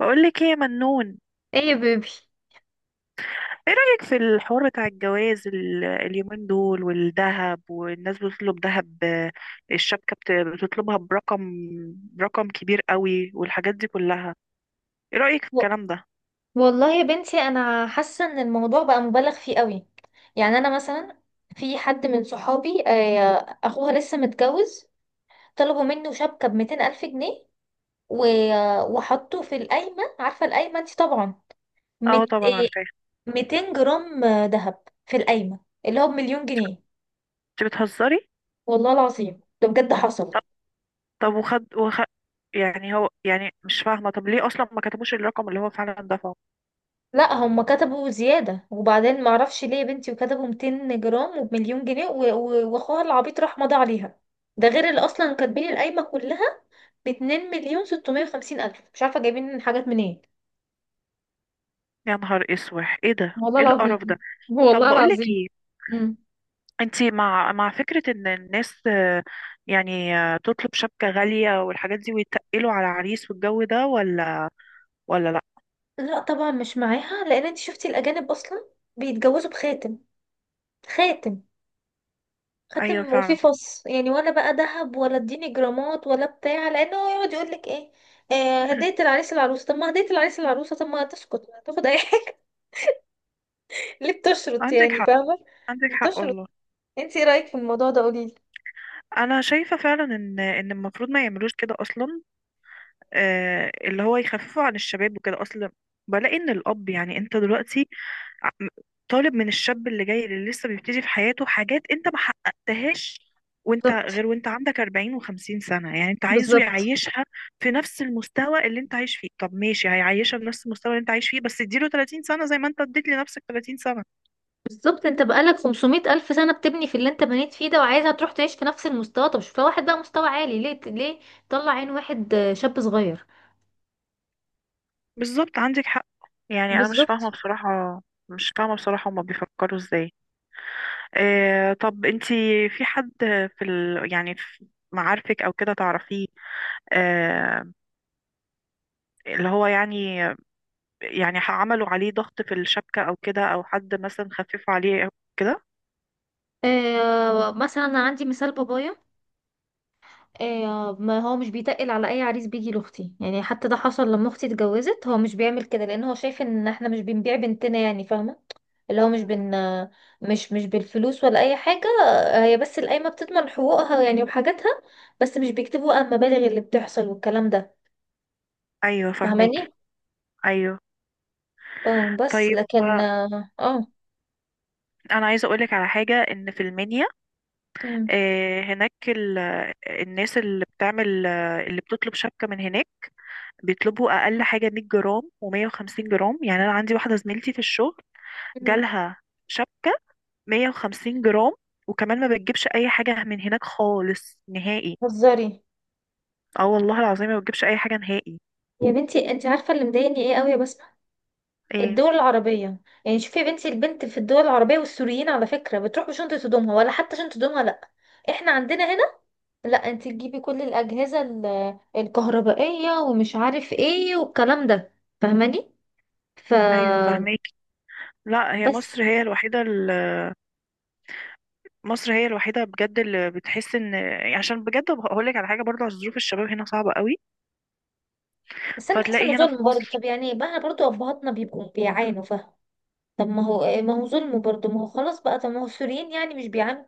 بقولك ايه يا منون. ايه يا بيبي. ايه رأيك في الحوار بتاع الجواز اليومين دول، والذهب، والناس بتطلب ذهب، الشبكة بتطلبها برقم كبير قوي والحاجات دي كلها؟ ايه رأيك في و- الكلام ده؟ والله يا بنتي انا حاسه ان الموضوع بقى مبالغ فيه قوي. يعني انا مثلا في حد من صحابي، اخوها لسه متجوز. طلبوا منه شبكه ب 200 الف جنيه، وحطوا في القايمه. عارفه القايمه دي طبعا. اه مت- طبعا آه، عارفاه انت. 200 جرام ذهب في القايمه اللي هو بمليون جنيه. بتهزري؟ والله العظيم ده بجد حصل. طب طب وخد يعني هو، يعني مش فاهمة، طب ليه اصلا ما كتبوش الرقم اللي هو فعلا دفعه؟ لا، هم كتبوا زيادة وبعدين معرفش ليه يا بنتي، وكتبوا 200 جرام وبمليون جنيه، واخوها العبيط راح مضى عليها. ده غير اللي اصلا كاتبين القايمة كلها ب 2,650,000، مش عارفة جايبين حاجات منين. يا نهار اسود، ايه ده، والله ايه القرف العظيم، ده! طب والله بقولك العظيم. ايه، مم. انتي مع فكرة ان الناس، يعني تطلب شبكة غالية والحاجات دي ويتقلوا على عريس والجو ده، ولا لا؟ لا طبعا مش معاها، لان انت شفتي الاجانب اصلا بيتجوزوا بخاتم. خاتم، ايوه خاتم وفيه فعلا. فص يعني، ولا بقى ذهب ولا اديني جرامات ولا بتاع، لان هو يقعد يقول لك ايه؟ آه هدية العريس العروسة. طب ما هدية العريس العروسة، طب ما تسكت ما تاخد اي حاجة. ليه بتشرط عندك يعني، حق، فاهمة؟ عندك حق بتشرط. والله. انت ايه رأيك في الموضوع ده؟ قوليلي. انا شايفة فعلا ان المفروض ما يعملوش كده اصلا، اللي هو يخففوا عن الشباب وكده اصلا. بلاقي ان الاب، يعني انت دلوقتي عم- طالب من الشاب اللي جاي، اللي لسه بيبتدي في حياته، حاجات انت ما حققتهاش وانت بالظبط، غير، وانت عندك 40 و50 سنة. يعني انت عايزه بالظبط، يعيشها في نفس المستوى اللي انت عايش فيه؟ طب ماشي، هيعيشها بنفس المستوى اللي انت عايش فيه، بس اديله 30 سنة زي ما انت اديت لنفسك 30 سنة. بالظبط. انت بقالك 500 ألف سنة بتبني في اللي انت بنيت فيه ده، وعايزها تروح تعيش في نفس المستوى. طب شوف لها واحد بقى مستوى عالي، ليه؟ ليه؟ طلع عين واحد شاب صغير. بالظبط، عندك حق. يعني انا مش بالظبط. فاهمة بصراحة، مش فاهمة بصراحة هما بيفكروا ازاي. آه، طب انتي، في حد، يعني في معارفك او كده تعرفيه، آه، اللي هو يعني، يعني عملوا عليه ضغط في الشبكة، أو كده، أو حد مثلا خففوا عليه، أو كده؟ آه مثلا انا عندي مثال بابايا. ما هو مش بيتقل على اي عريس بيجي لاختي، يعني حتى ده حصل لما اختي اتجوزت، هو مش بيعمل كده لان هو شايف ان احنا مش بنبيع بنتنا، يعني فاهمه. اللي هو مش م- بن مش بالفلوس ولا اي حاجه. هي بس القايمه بتضمن حقوقها يعني، وحاجاتها. بس مش بيكتبوا بقى المبالغ اللي بتحصل والكلام ده، أيوة فهماكي. فاهماني؟ أيوة. اه بس طيب، لكن اه. أنا عايزة أقولك على حاجة، إن في المنيا مم، هناك الناس اللي بتعمل، اللي بتطلب شبكة من هناك، بيطلبوا أقل حاجة 100 جرام و150 جرام. يعني أنا عندي واحدة زميلتي في الشغل مم. جالها شبكة 150 جرام، وكمان ما بتجيبش أي حاجة من هناك خالص نهائي. بتهزري؟ اه والله العظيم ما بتجيبش أي حاجة نهائي. يا بنتي انت عارفه اللي مضايقني ايه قوي يا بسمه؟ ايه؟ الدول العربية. يعني شوفي يا بنتي، البنت في الدول العربية والسوريين على فكرة بتروح بشنطة هدومها، ولا حتى شنطة هدومها لأ. احنا عندنا هنا، لأ انت تجيبي كل الأجهزة الكهربائية ومش عارف ايه والكلام ده، فاهماني؟ ف أيوة فهماكي. لا، هي بس. مصر هي الوحيدة بجد اللي بتحس ان، عشان بجد هقول لك على حاجة برضه، عشان ظروف الشباب هنا صعبة قوي. بس انا بحس انه فتلاقي هنا في ظلم برضه، مصر. طب يعني بقى برضه ابهاتنا بيبقوا بيعانوا، فاهم؟ طب ما هو ظلم برضه، ما هو خلاص بقى. طب ما هو السوريين يعني مش بيعانوا؟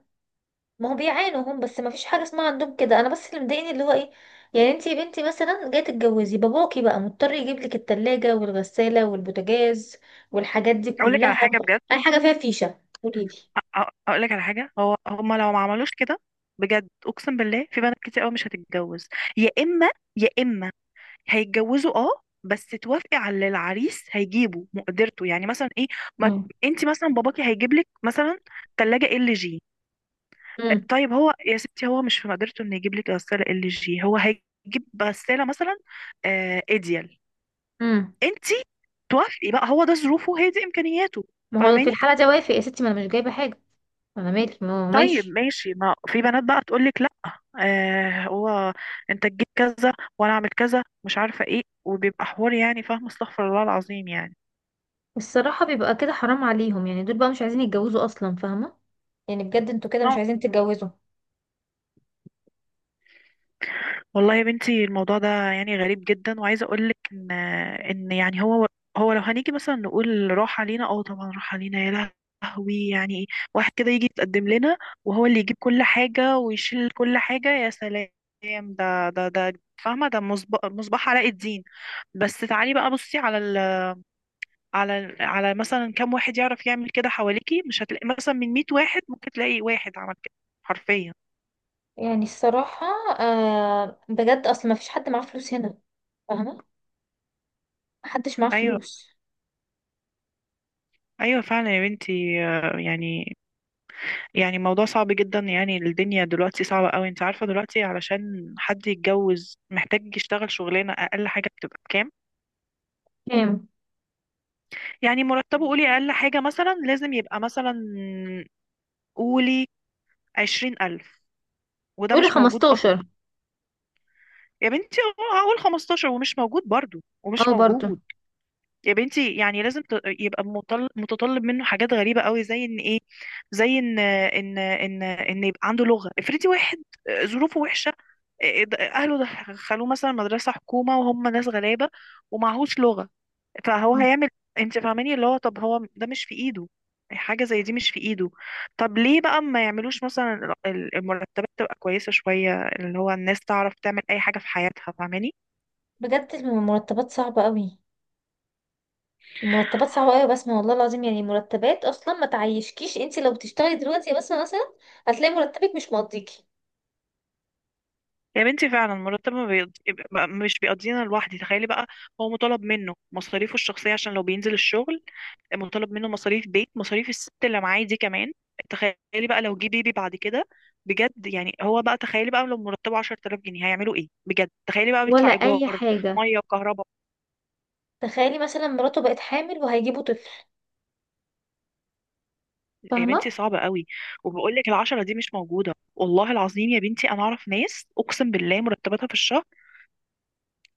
ما هو بيعانوا هم، بس ما فيش حاجه اسمها عندهم كده. انا بس اللي مضايقني اللي هو ايه، يعني انتي يا بنتي مثلا جاي تتجوزي، باباكي بقى مضطر يجيب لك التلاجة والغسالة والبوتاجاز والحاجات دي اقول لك على كلها. حاجة بجد اي حاجه فيها فيشه قولي لي. اقول لك على حاجة، هو هما لو ما عملوش كده بجد اقسم بالله في بنات كتير قوي مش هتتجوز. يا اما يا اما هيتجوزوا، اه، بس توافقي على اللي العريس هيجيبه، مقدرته يعني، مثلا ايه. ما مم. انت مثلا باباكي هيجيب لك مثلا ثلاجة ال جي. امم، طيب هو يا ستي، هو مش في مقدرته انه يجيب لك غساله ال جي، هو هيجيب غساله مثلا آه ايديال. امم. انت توافقي بقى، هو ده ظروفه، هي دي امكانياته. ما هو في فاهماني؟ الحاله دي وافق يا ستي، ما انا مش جايبه حاجه. انا مالي، ما هو طيب ماشي. ماشي، ما في بنات بقى تقول لك لا، آه هو انت تجيب كذا وانا اعمل كذا، مش عارفه ايه، وبيبقى حوار يعني. فاهمه؟ استغفر الله العظيم يعني. الصراحه بيبقى كده، حرام عليهم، يعني دول بقى مش عايزين يتجوزوا اصلا، فاهمه؟ يعني بجد انتوا كده مش عايزين تتجوزوا. والله يا بنتي الموضوع ده يعني غريب جدا، وعايزه اقول لك ان، يعني هو، لو هنيجي مثلا نقول راح علينا، اه طبعا راح علينا. يا لهوي يعني، واحد كده يجي يتقدم لنا، وهو اللي يجيب كل حاجه ويشيل كل حاجه، يا سلام! ده فاهمه، ده مصباح علاء الدين. بس تعالي بقى بصي على ال على ال على مثلا كام واحد يعرف يعمل كده حواليكي. مش هتلاقي مثلا من 100 واحد ممكن تلاقي واحد عمل كده حرفيا. يعني الصراحه بجد اصلا ما فيش حد معاه فلوس هنا، فاهمه؟ محدش معاه ايوه، فلوس. ايوه فعلا يا بنتي، يعني، يعني موضوع صعب جدا. يعني الدنيا دلوقتي صعبة قوي، انت عارفة دلوقتي علشان حد يتجوز محتاج يشتغل شغلانة، اقل حاجة بتبقى بكام؟ كام؟ يعني مرتبه، قولي اقل حاجة مثلا لازم يبقى مثلا، قولي 20 الف، وده قولي مش موجود 15. اصلا. يا بنتي، اه هقول 15، ومش موجود برضو، ومش اه، برضو. موجود. يا بنتي يعني لازم يبقى متطلب منه حاجات غريبة قوي، زي ان ايه، زي ان يبقى عنده لغة. افرضي واحد ظروفه وحشة، اهله دخلوه مثلا مدرسة حكومة وهم ناس غلابة، ومعهوش لغة، فهو مم. هيعمل، انت فاهماني؟ اللي هو طب هو ده مش في ايده، حاجة زي دي مش في ايده. طب ليه بقى ما يعملوش مثلا المرتبات تبقى كويسة شوية، اللي هو الناس تعرف تعمل اي حاجة في حياتها، فاهماني؟ بجد المرتبات صعبة قوي، المرتبات صعبة قوي يا بسمة. والله العظيم، يعني مرتبات اصلا ما تعيشكيش، انت لو بتشتغلي دلوقتي يا بسمة مثلا، هتلاقي مرتبك مش مقضيكي يا بنتي فعلا، مرتب ما بيقض... يبقى- مش بيقضينا لوحدي، تخيلي بقى. هو مطالب منه مصاريفه الشخصية عشان لو بينزل الشغل، مطالب منه مصاريف بيت، مصاريف الست اللي معاه دي كمان. تخيلي بقى لو جه بيبي بعد كده. بجد يعني هو بقى، تخيلي بقى لو مرتبه 10000 جنيه هيعملوا ايه؟ بجد تخيلي بقى، بيدفع ولا اي ايجار، حاجة. ميه وكهرباء. تخيلي مثلا مراته بقت حامل وهيجيبوا طفل، يا فاهمة؟ بنتي صعبة قوي. وبقول لك، العشرة دي مش موجودة والله العظيم. يا بنتي انا اعرف ناس اقسم بالله مرتباتها في الشهر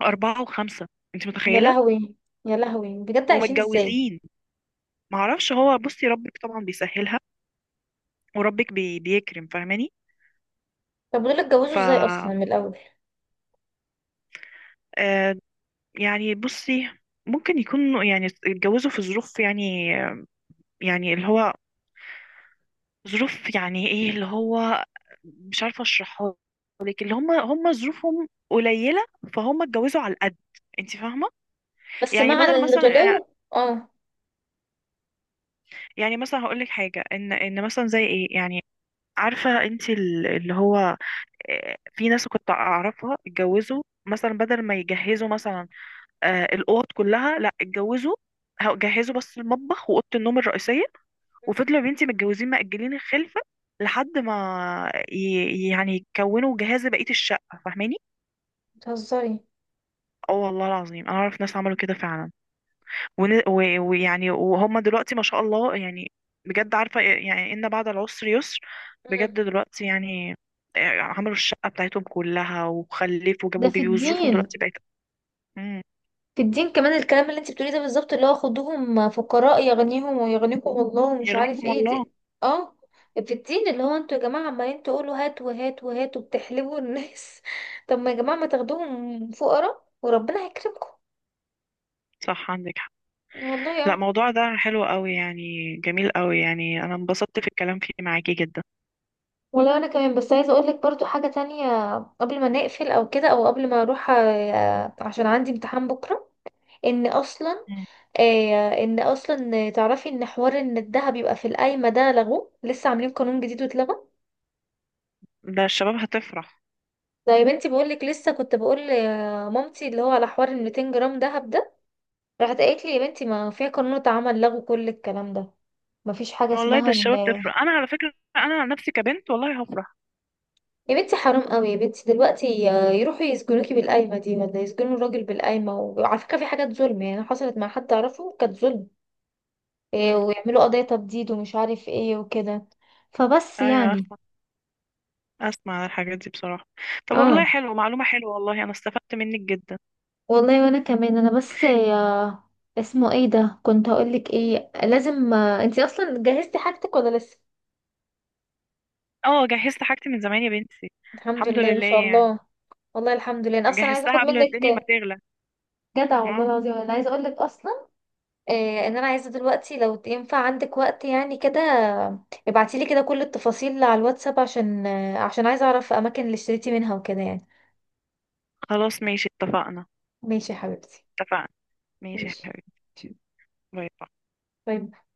4 و5. انت يا متخيلة؟ لهوي، يا لهوي، بجد عايشين ازاي؟ ومتجوزين. ما اعرفش، هو بصي ربك طبعا بيسهلها، وربك بي بيكرم، فاهماني؟ طب ودول اتجوزوا ف ازاي اصلا من الاول؟ آه، يعني بصي، ممكن يكون يعني اتجوزوا في ظروف يعني، يعني اللي هو ظروف يعني ايه اللي هو، مش عارفه اشرحها لك، اللي هم ظروفهم قليله، فهم اتجوزوا على القد، انت فاهمه؟ بس يعني مع بدل مثلا، الغلو. اه. يعني مثلا هقول لك حاجه، ان مثلا زي ايه يعني، عارفه انت اللي هو، في ناس كنت اعرفها اتجوزوا مثلا بدل ما يجهزوا مثلا آه الاوض كلها، لا اتجوزوا جهزوا بس المطبخ واوضه النوم الرئيسيه، مم. وفضلوا يا بنتي متجوزين مأجلين الخلفه لحد ما يعني يكونوا جهاز بقيه الشقه، فاهماني؟ بتهزري؟ اه والله العظيم انا اعرف ناس عملوا كده فعلا، ون... و... ويعني وهم دلوقتي ما شاء الله يعني، بجد عارفه يعني ان بعد العسر يسر. بجد مم. دلوقتي يعني عملوا الشقه بتاعتهم كلها وخلفوا ده وجابوا في بيبي وظروفهم الدين. دلوقتي بقت. مم. في الدين كمان الكلام اللي انت بتقوليه ده، بالظبط اللي هو خدوهم فقراء يغنيهم، ويغنيكم الله، ومش عارف يغنيكم ايه الله. دي. اه. في الدين اللي هو انتوا يا جماعة عمالين تقولوا هات وهات وهات، وبتحلبوا الناس. طب ما يا جماعة، ما تاخدوهم فقراء وربنا هيكرمكم. صح عندك حق. والله، لا، اه. موضوع ده حلو قوي يعني، جميل قوي يعني، انا انبسطت في الكلام فيه معاكي جدا. والله انا كمان، بس عايزه اقول لك برضو حاجه تانية قبل ما نقفل او كده، او قبل ما اروح، عشان عندي امتحان بكره. ان اصلا، مم. ان اصلا تعرفي ان حوار ان الذهب يبقى في القايمه ده لغوه، لسه عاملين قانون جديد واتلغى. ده الشباب هتفرح. طيب بنتي، بقول لك لسه كنت بقول لمامتي اللي هو على حوار ال 200 جرام دهب ده، راحت قالت لي يا بنتي ما في قانون اتعمل لغوا كل الكلام ده، ما فيش حاجه والله ده اسمها ان. الشباب تفرح، انا على فكرة انا عن نفسي كبنت والله هفرح. يا بنتي حرام قوي يا بنتي دلوقتي، يروحوا يسجنوكي بالقايمه دي، ولا يسجنوا الراجل بالقايمه، وعلى فكره في حاجات ظلم يعني حصلت مع حد اعرفه كانت ظلم. إيه، مم. ويعملوا قضيه تبديد ومش عارف ايه وكده، فبس ايوه، يعني. اسمع عن الحاجات دي بصراحة. طب اه. والله حلو، معلومة حلوة والله، انا استفدت منك جدا. والله وانا كمان، انا بس يا، اسمه ايه ده، كنت هقولك ايه، لازم انتي اصلا جهزتي حاجتك ولا لسه؟ اه جهزت حاجتي من زمان يا بنتي. الحمد الحمد لله، ما لله شاء يعني. الله. والله الحمد لله، انا اصلا عايزه جهزتها اخد قبل الدنيا ما منك، تغلى. جدع والله اه العظيم، انا عايزه اقولك اصلا، إيه، ان انا عايزه دلوقتي لو ينفع عندك وقت يعني كده، ابعتيلي كده كل التفاصيل على الواتساب، عشان عشان عايزه اعرف اماكن اللي اشتريتي منها وكده يعني. خلاص ماشي اتفقنا. ماشي يا حبيبتي. اتفقنا، ماشي يا ماشي. حبيبي. باي باي. باي